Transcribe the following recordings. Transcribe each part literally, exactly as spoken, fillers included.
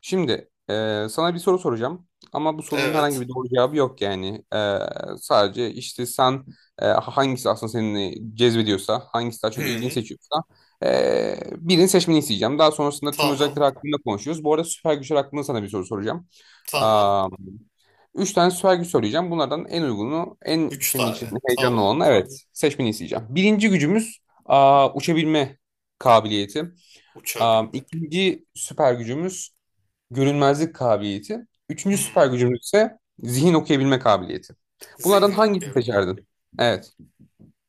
Şimdi e, sana bir soru soracağım ama bu sorunun herhangi Evet. bir doğru cevabı yok yani. E, sadece işte sen e, hangisi aslında seni cezbediyorsa, hangisi daha çok ilgini Hı. seçiyorsa e, birini seçmeni isteyeceğim. Daha sonrasında tüm Tamam. özellikler hakkında konuşuyoruz. Bu arada süper güçler hakkında sana bir soru soracağım. Tamam. Am, Üç tane süper güç söyleyeceğim. Bunlardan en uygunu, en Üç senin için tane. heyecanlı Tamam. olanı evet seçmeni isteyeceğim. Birinci gücümüz aa, uçabilme kabiliyeti. Am, Uçabilmek. ikinci süper gücümüz görünmezlik kabiliyeti. Hı. Üçüncü süper gücümüz ise zihin okuyabilme kabiliyeti. Bunlardan Zihin hangisini okuyabilmek. seçerdin? Evet.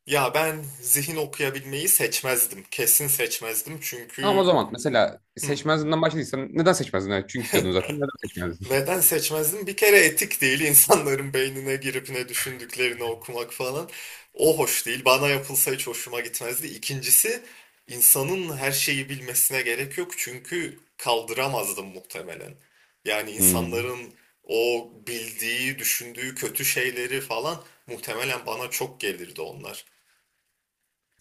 Ya ben zihin okuyabilmeyi seçmezdim. Kesin seçmezdim Tamam, o çünkü zaman mesela hı. seçmezliğinden başladıysan neden seçmezdin? Evet, çünkü diyordun zaten neden seçmezdin? Neden seçmezdim? Bir kere etik değil, insanların beynine girip ne düşündüklerini okumak falan. O hoş değil. Bana yapılsa hiç hoşuma gitmezdi. İkincisi, insanın her şeyi bilmesine gerek yok, çünkü kaldıramazdım muhtemelen. Yani Hmm. insanların o bildiği, düşündüğü kötü şeyleri falan muhtemelen bana çok gelirdi onlar.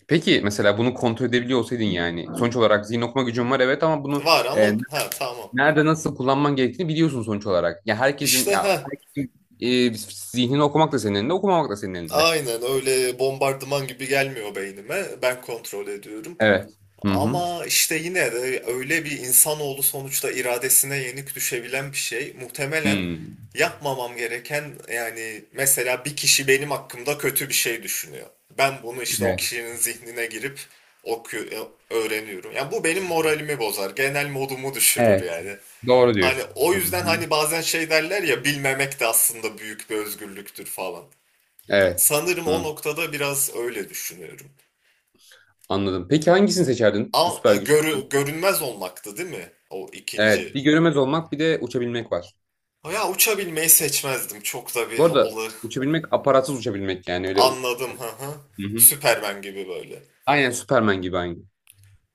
Peki mesela bunu kontrol edebiliyor olsaydın yani sonuç olarak zihin okuma gücün var evet ama bunu Var ama e, ha, tamam. nerede nasıl kullanman gerektiğini biliyorsun sonuç olarak. Ya herkesin İşte ya ha, herkesin e, zihnini okumak da senin elinde okumamak da senin elinde. aynen öyle bombardıman gibi gelmiyor beynime. Ben kontrol ediyorum. Evet. Hı hı. Ama işte yine de öyle bir, insanoğlu sonuçta iradesine yenik düşebilen bir şey. Muhtemelen Hmm. yapmamam gereken, yani mesela bir kişi benim hakkımda kötü bir şey düşünüyor. Ben bunu işte o Evet. kişinin zihnine girip oku- e, öğreniyorum. Yani bu benim moralimi bozar, genel modumu düşürür Evet, yani. doğru Hani diyorsun. o Hı yüzden hı. hani bazen şey derler ya, bilmemek de aslında büyük bir özgürlüktür falan. Evet. Sanırım o Hı, noktada biraz öyle düşünüyorum. anladım. Peki hangisini seçerdin bu Al, süper e, güç? görü- görünmez olmaktı değil mi? O Evet, bir ikinci. görünmez olmak, bir de uçabilmek var. Ya uçabilmeyi seçmezdim. Çok da Bu bir arada olay. uçabilmek aparatsız uçabilmek yani öyle. Hı Anladım. Hı hı. hı. Süpermen gibi böyle. Aynen Superman gibi aynı.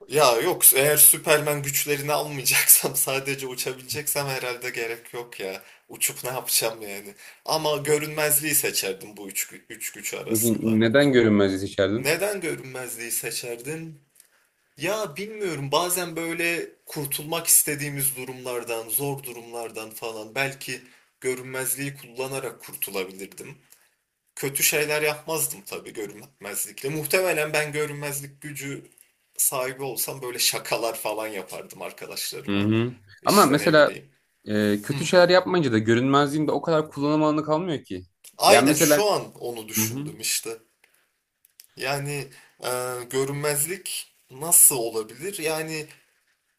Ya yok, eğer Süpermen güçlerini almayacaksam sadece uçabileceksem herhalde gerek yok ya. Uçup ne yapacağım yani. Ama görünmezliği seçerdim bu üç, gü- üç güç Peki arasında. neden görünmezliği seçerdin? Neden görünmezliği seçerdin? Ya bilmiyorum, bazen böyle kurtulmak istediğimiz durumlardan, zor durumlardan falan belki görünmezliği kullanarak kurtulabilirdim. Kötü şeyler yapmazdım tabii görünmezlikle. Muhtemelen ben görünmezlik gücü sahibi olsam böyle şakalar falan yapardım Hı arkadaşlarıma. hı. Ama İşte ne mesela bileyim. e, Hı. kötü şeyler yapmayınca da görünmezliğin de o kadar kullanım alanı kalmıyor ki. Yani Aynen mesela şu an onu hı hı. düşündüm işte. Yani e, görünmezlik nasıl olabilir? Yani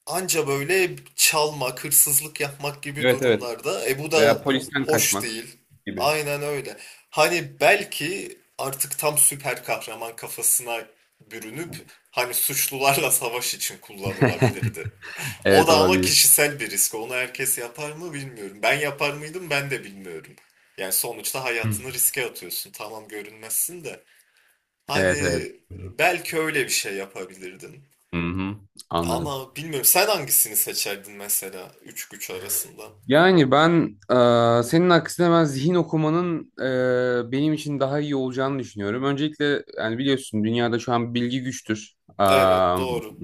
anca böyle çalmak, hırsızlık yapmak gibi Evet evet. durumlarda. E bu da Veya polisten hoş kaçmak değil. gibi. Aynen öyle. Hani belki artık tam süper kahraman kafasına bürünüp hani suçlularla savaş için kullanılabilirdi. O Evet, da ama olabilir. kişisel bir risk. Onu herkes yapar mı bilmiyorum. Ben yapar mıydım ben de bilmiyorum. Yani sonuçta hayatını riske atıyorsun. Tamam görünmezsin de. Evet evet. Hani belki öyle bir şey yapabilirdin. Hı hı. Anladım. Ama bilmiyorum, sen hangisini seçerdin mesela üç güç arasında? Yani ben e, senin aksine ben zihin okumanın e, benim için daha iyi olacağını düşünüyorum. Öncelikle yani biliyorsun dünyada şu an bilgi güçtür. Evet doğru.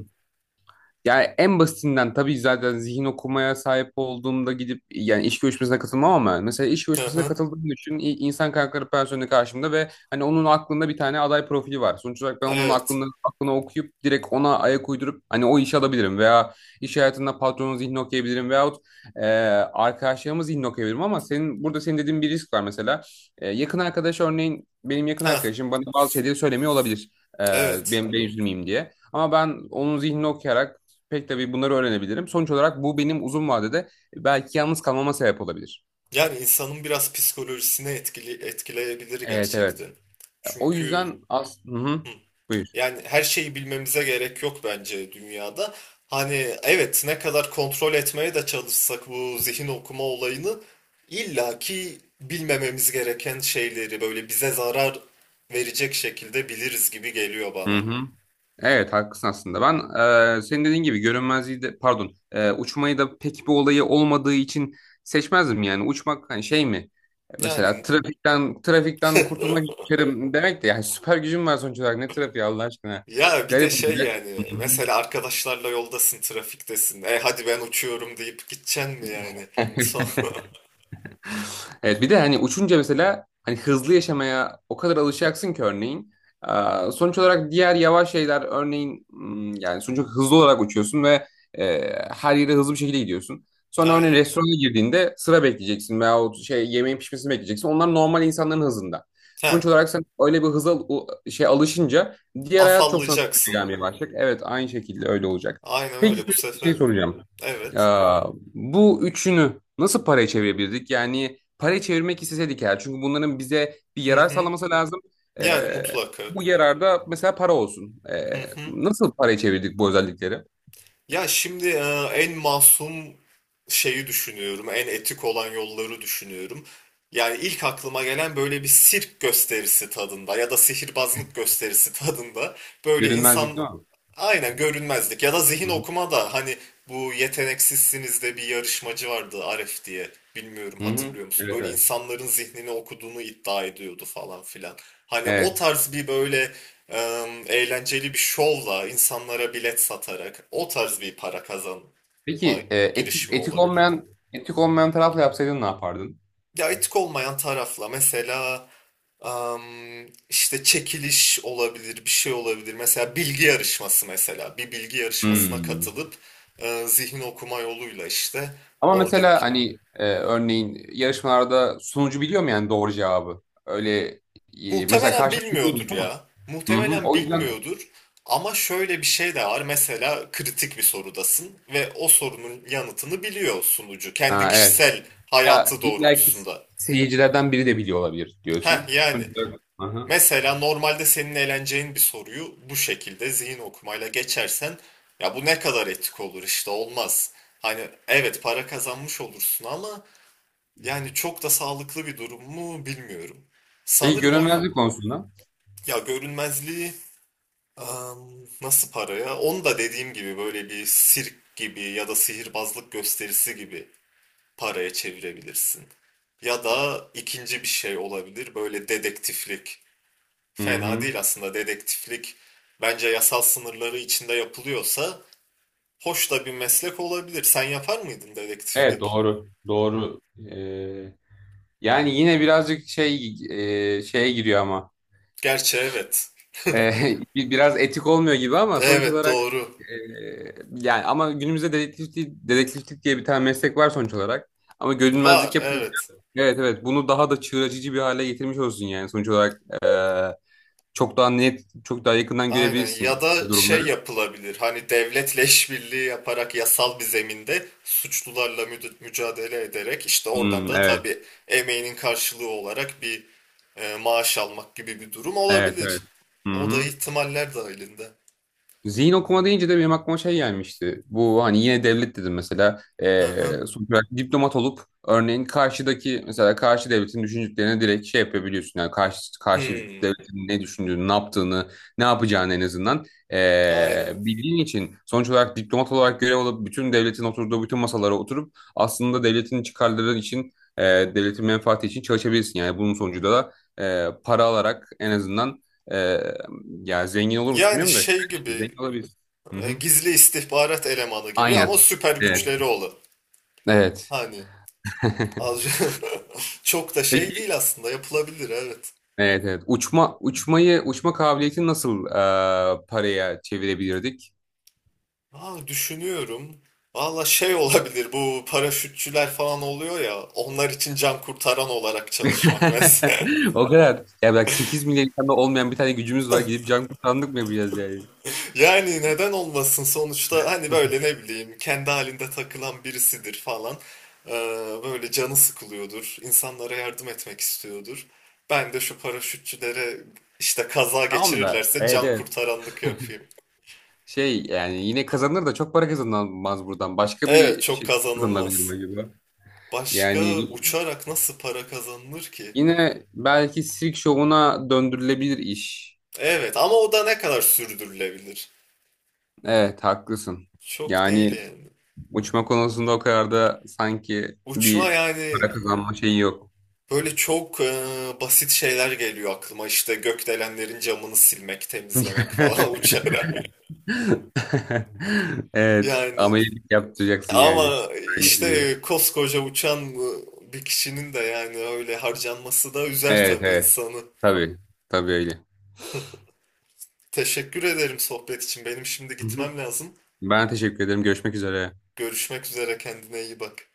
Yani en basitinden tabii zaten zihin okumaya sahip olduğumda gidip yani iş görüşmesine katılmam ama mesela iş Hı görüşmesine hı. katıldığım düşün i- insan kaynakları personeli karşımda ve hani onun aklında bir tane aday profili var. Sonuç olarak ben onun Evet. aklını, aklını okuyup direkt ona ayak uydurup hani o işi alabilirim veya iş hayatında patronun zihnini okuyabilirim veyahut e, arkadaşlarımın zihnini okuyabilirim ama senin burada senin dediğin bir risk var mesela. E, yakın arkadaş örneğin benim yakın Ha arkadaşım bana bazı şeyleri söylemiyor olabilir. E, evet. Benim ben üzülmeyeyim diye. Ama ben onun zihnini okuyarak pek tabii bunları öğrenebilirim. Sonuç olarak bu benim uzun vadede e, belki yalnız kalmama sebep olabilir. Yani insanın biraz psikolojisine etkili etkileyebilir Evet evet. gerçekten. O Çünkü yüzden as hı hı. hı, Buyur. yani her şeyi bilmemize gerek yok bence dünyada. Hani evet, ne kadar kontrol etmeye de çalışsak bu zihin okuma olayını, illaki bilmememiz gereken şeyleri böyle bize zarar verecek şekilde biliriz gibi geliyor Hı bana. hı. Evet, haklısın aslında. Ben e, senin dediğin gibi görünmezliği de pardon e, uçmayı da pek bir olayı olmadığı için seçmezdim yani. Uçmak hani şey mi? E, Mesela Yani trafikten trafikten kurtulmak için demek de yani süper gücüm var sonuç olarak ne trafiği Allah aşkına. ya bir de Garip şey, olacak. Hı yani mesela arkadaşlarla yoldasın, trafiktesin. E hadi ben uçuyorum deyip gideceksin mi yani? hı. Son... Evet bir de hani uçunca mesela hani hızlı yaşamaya o kadar alışacaksın ki örneğin. Ee, Sonuç olarak diğer yavaş şeyler örneğin hmm, yani sonuç olarak hızlı olarak uçuyorsun ve e, her yere hızlı bir şekilde gidiyorsun. Sonra örneğin Aynen. restorana girdiğinde sıra bekleyeceksin veyahut şey yemeğin pişmesini bekleyeceksin. Onlar normal insanların hızında. Sonuç Ha, olarak sen öyle bir hıza u- şey alışınca diğer hayat çok sana sıkıcı afallayacaksın. gelmeye başlayacak. Evet, aynı şekilde öyle olacak. Aynen Peki öyle bu size bir şey sefer. soracağım. Evet. Aa, Bu üçünü nasıl paraya çevirebilirdik? Yani paraya çevirmek isteseydik eğer. Çünkü bunların bize bir Hı yarar hı. sağlaması lazım. Yani Ee, mutlaka. Bu yararda mesela para olsun. Hı Ee, hı. Nasıl paraya çevirdik bu özellikleri? Ya şimdi e, en masum şeyi düşünüyorum, en etik olan yolları düşünüyorum. Yani ilk aklıma gelen böyle bir sirk gösterisi tadında ya da sihirbazlık gösterisi tadında, böyle Görünmezlik insan değil mi? aynen görünmezlik ya da Hı zihin hı. okuma da hani bu yeteneksizsiniz de bir yarışmacı vardı, Aref diye, bilmiyorum Hı hı. hatırlıyor musun? Evet Böyle evet. insanların zihnini okuduğunu iddia ediyordu falan filan. Hani o Evet. tarz bir böyle em, eğlenceli bir şovla insanlara bilet satarak o tarz bir para kazanma Peki e, etik, girişimi etik olabilirdi. olmayan etik olmayan tarafla yapsaydın ne yapardın? Ya etik olmayan tarafla mesela em, işte çekiliş olabilir, bir şey olabilir. Mesela bilgi yarışması, mesela bir bilgi yarışmasına Hmm. katılıp e, zihin okuma yoluyla işte Ama orada, mesela hani e, örneğin yarışmalarda sunucu biliyor mu yani doğru cevabı? Öyle e, mesela muhtemelen karşılaşma değil bilmiyordur mi? ya. Hı hı. Muhtemelen O yüzden bilmiyordur. Ama şöyle bir şey de var. Mesela kritik bir sorudasın ve o sorunun yanıtını biliyor sunucu. Kendi ha, evet. kişisel Ya hayatı illaki doğrultusunda. seyircilerden biri de biliyor olabilir Heh diyorsun. yani. Hı hı. Mesela normalde senin eğleneceğin bir soruyu bu şekilde zihin okumayla geçersen, ya bu ne kadar etik olur işte, olmaz. Hani evet, para kazanmış olursun ama yani çok da sağlıklı bir durum mu bilmiyorum. Peki Sanırım o yüz- görünmezlik konusunda. ya görünmezliği, Am, nasıl para ya? Onu da dediğim gibi böyle bir sirk gibi ya da sihirbazlık gösterisi gibi paraya çevirebilirsin. Ya da ikinci bir şey olabilir, böyle dedektiflik. Hı Fena hı. değil aslında dedektiflik. Bence yasal sınırları içinde yapılıyorsa hoş da bir meslek olabilir. Sen yapar mıydın Evet, dedektiflik? doğru. Doğru. Ee, Yani yine birazcık şey e, şeye giriyor ama. Gerçi evet. Ee, bi- biraz etik olmuyor gibi ama sonuç Evet olarak doğru. e, yani ama günümüzde dedektiflik, dedektiflik diye bir tane meslek var sonuç olarak. Ama Var görünmezlik yapınca evet. evet evet bunu daha da çığır açıcı bir hale getirmiş olsun yani sonuç olarak e, çok daha net, çok daha yakından Aynen, ya görebilirsin da şey durumları. yapılabilir hani devletle işbirliği yaparak yasal bir zeminde suçlularla müd- mücadele ederek, işte oradan Hmm, da tabii evet, emeğinin karşılığı olarak bir e, maaş almak gibi bir durum evet, olabilir. evet. Hı O da hı. ihtimaller dahilinde. Zihin okuma deyince de benim aklıma şey gelmişti. Bu hani yine devlet dedim mesela. Hı Ee, hı. Sonuç olarak diplomat olup örneğin karşıdaki mesela karşı devletin düşüncelerini direkt şey yapabiliyorsun. Yani karşı, karşı Hmm, devletin ne düşündüğünü, ne yaptığını, ne yapacağını en azından aynen. ee, bildiğin için sonuç olarak diplomat olarak görev alıp bütün devletin oturduğu bütün masalara oturup aslında devletin çıkarları için ee, devletin menfaati için çalışabilirsin. Yani bunun sonucunda da ee, para alarak en azından ee, ya zengin olur musun Yani bilmiyorum da şey gibi, zengin olabilirsin. Hı e, hı. gizli istihbarat elemanı gibi ama Aynen. süper Evet. güçleri olan. Evet. Hani az çok da şey Peki. değil aslında, yapılabilir evet. Evet evet. Uçma uçmayı uçma kabiliyetini nasıl e, paraya çevirebilirdik? Aa, düşünüyorum. Valla şey olabilir, bu paraşütçüler falan oluyor ya, onlar için can kurtaran olarak çalışmak mesela. O kadar. Ya bak sekiz milyon insanda olmayan bir tane gücümüz var. Gidip can kurtaranlık mı yapacağız yani? Yani neden olmasın, sonuçta hani böyle ne bileyim kendi halinde takılan birisidir falan. Ee, böyle canı sıkılıyordur. İnsanlara yardım etmek istiyordur. Ben de şu paraşütçülere işte kaza Tamam da. geçirirlerse Evet can evet. kurtaranlık yapayım. Şey yani yine kazanır da çok para kazanılmaz buradan. Başka Evet bir çok şey kazanılabilir mi kazanılmaz. acaba? Yani Başka uçarak nasıl para kazanılır ki? yine belki sirk şovuna döndürülebilir iş. Evet ama o da ne kadar sürdürülebilir? Evet, haklısın. Çok değil Yani yani. uçma konusunda o kadar da sanki Uçma bir yani para kazanma şeyi yok. böyle çok e, basit şeyler geliyor aklıma. İşte gökdelenlerin camını silmek, temizlemek falan uçarak. Evet. Yani Ameliyat yaptıracaksın yani. ama Süper güçlü diye. işte koskoca uçan e, bir kişinin de yani öyle harcanması da üzer Evet tabii evet. insanı. Tabii. Tabii öyle. Teşekkür ederim sohbet için. Benim şimdi Hı hı. gitmem lazım. Ben teşekkür ederim. Görüşmek üzere. Görüşmek üzere, kendine iyi bak.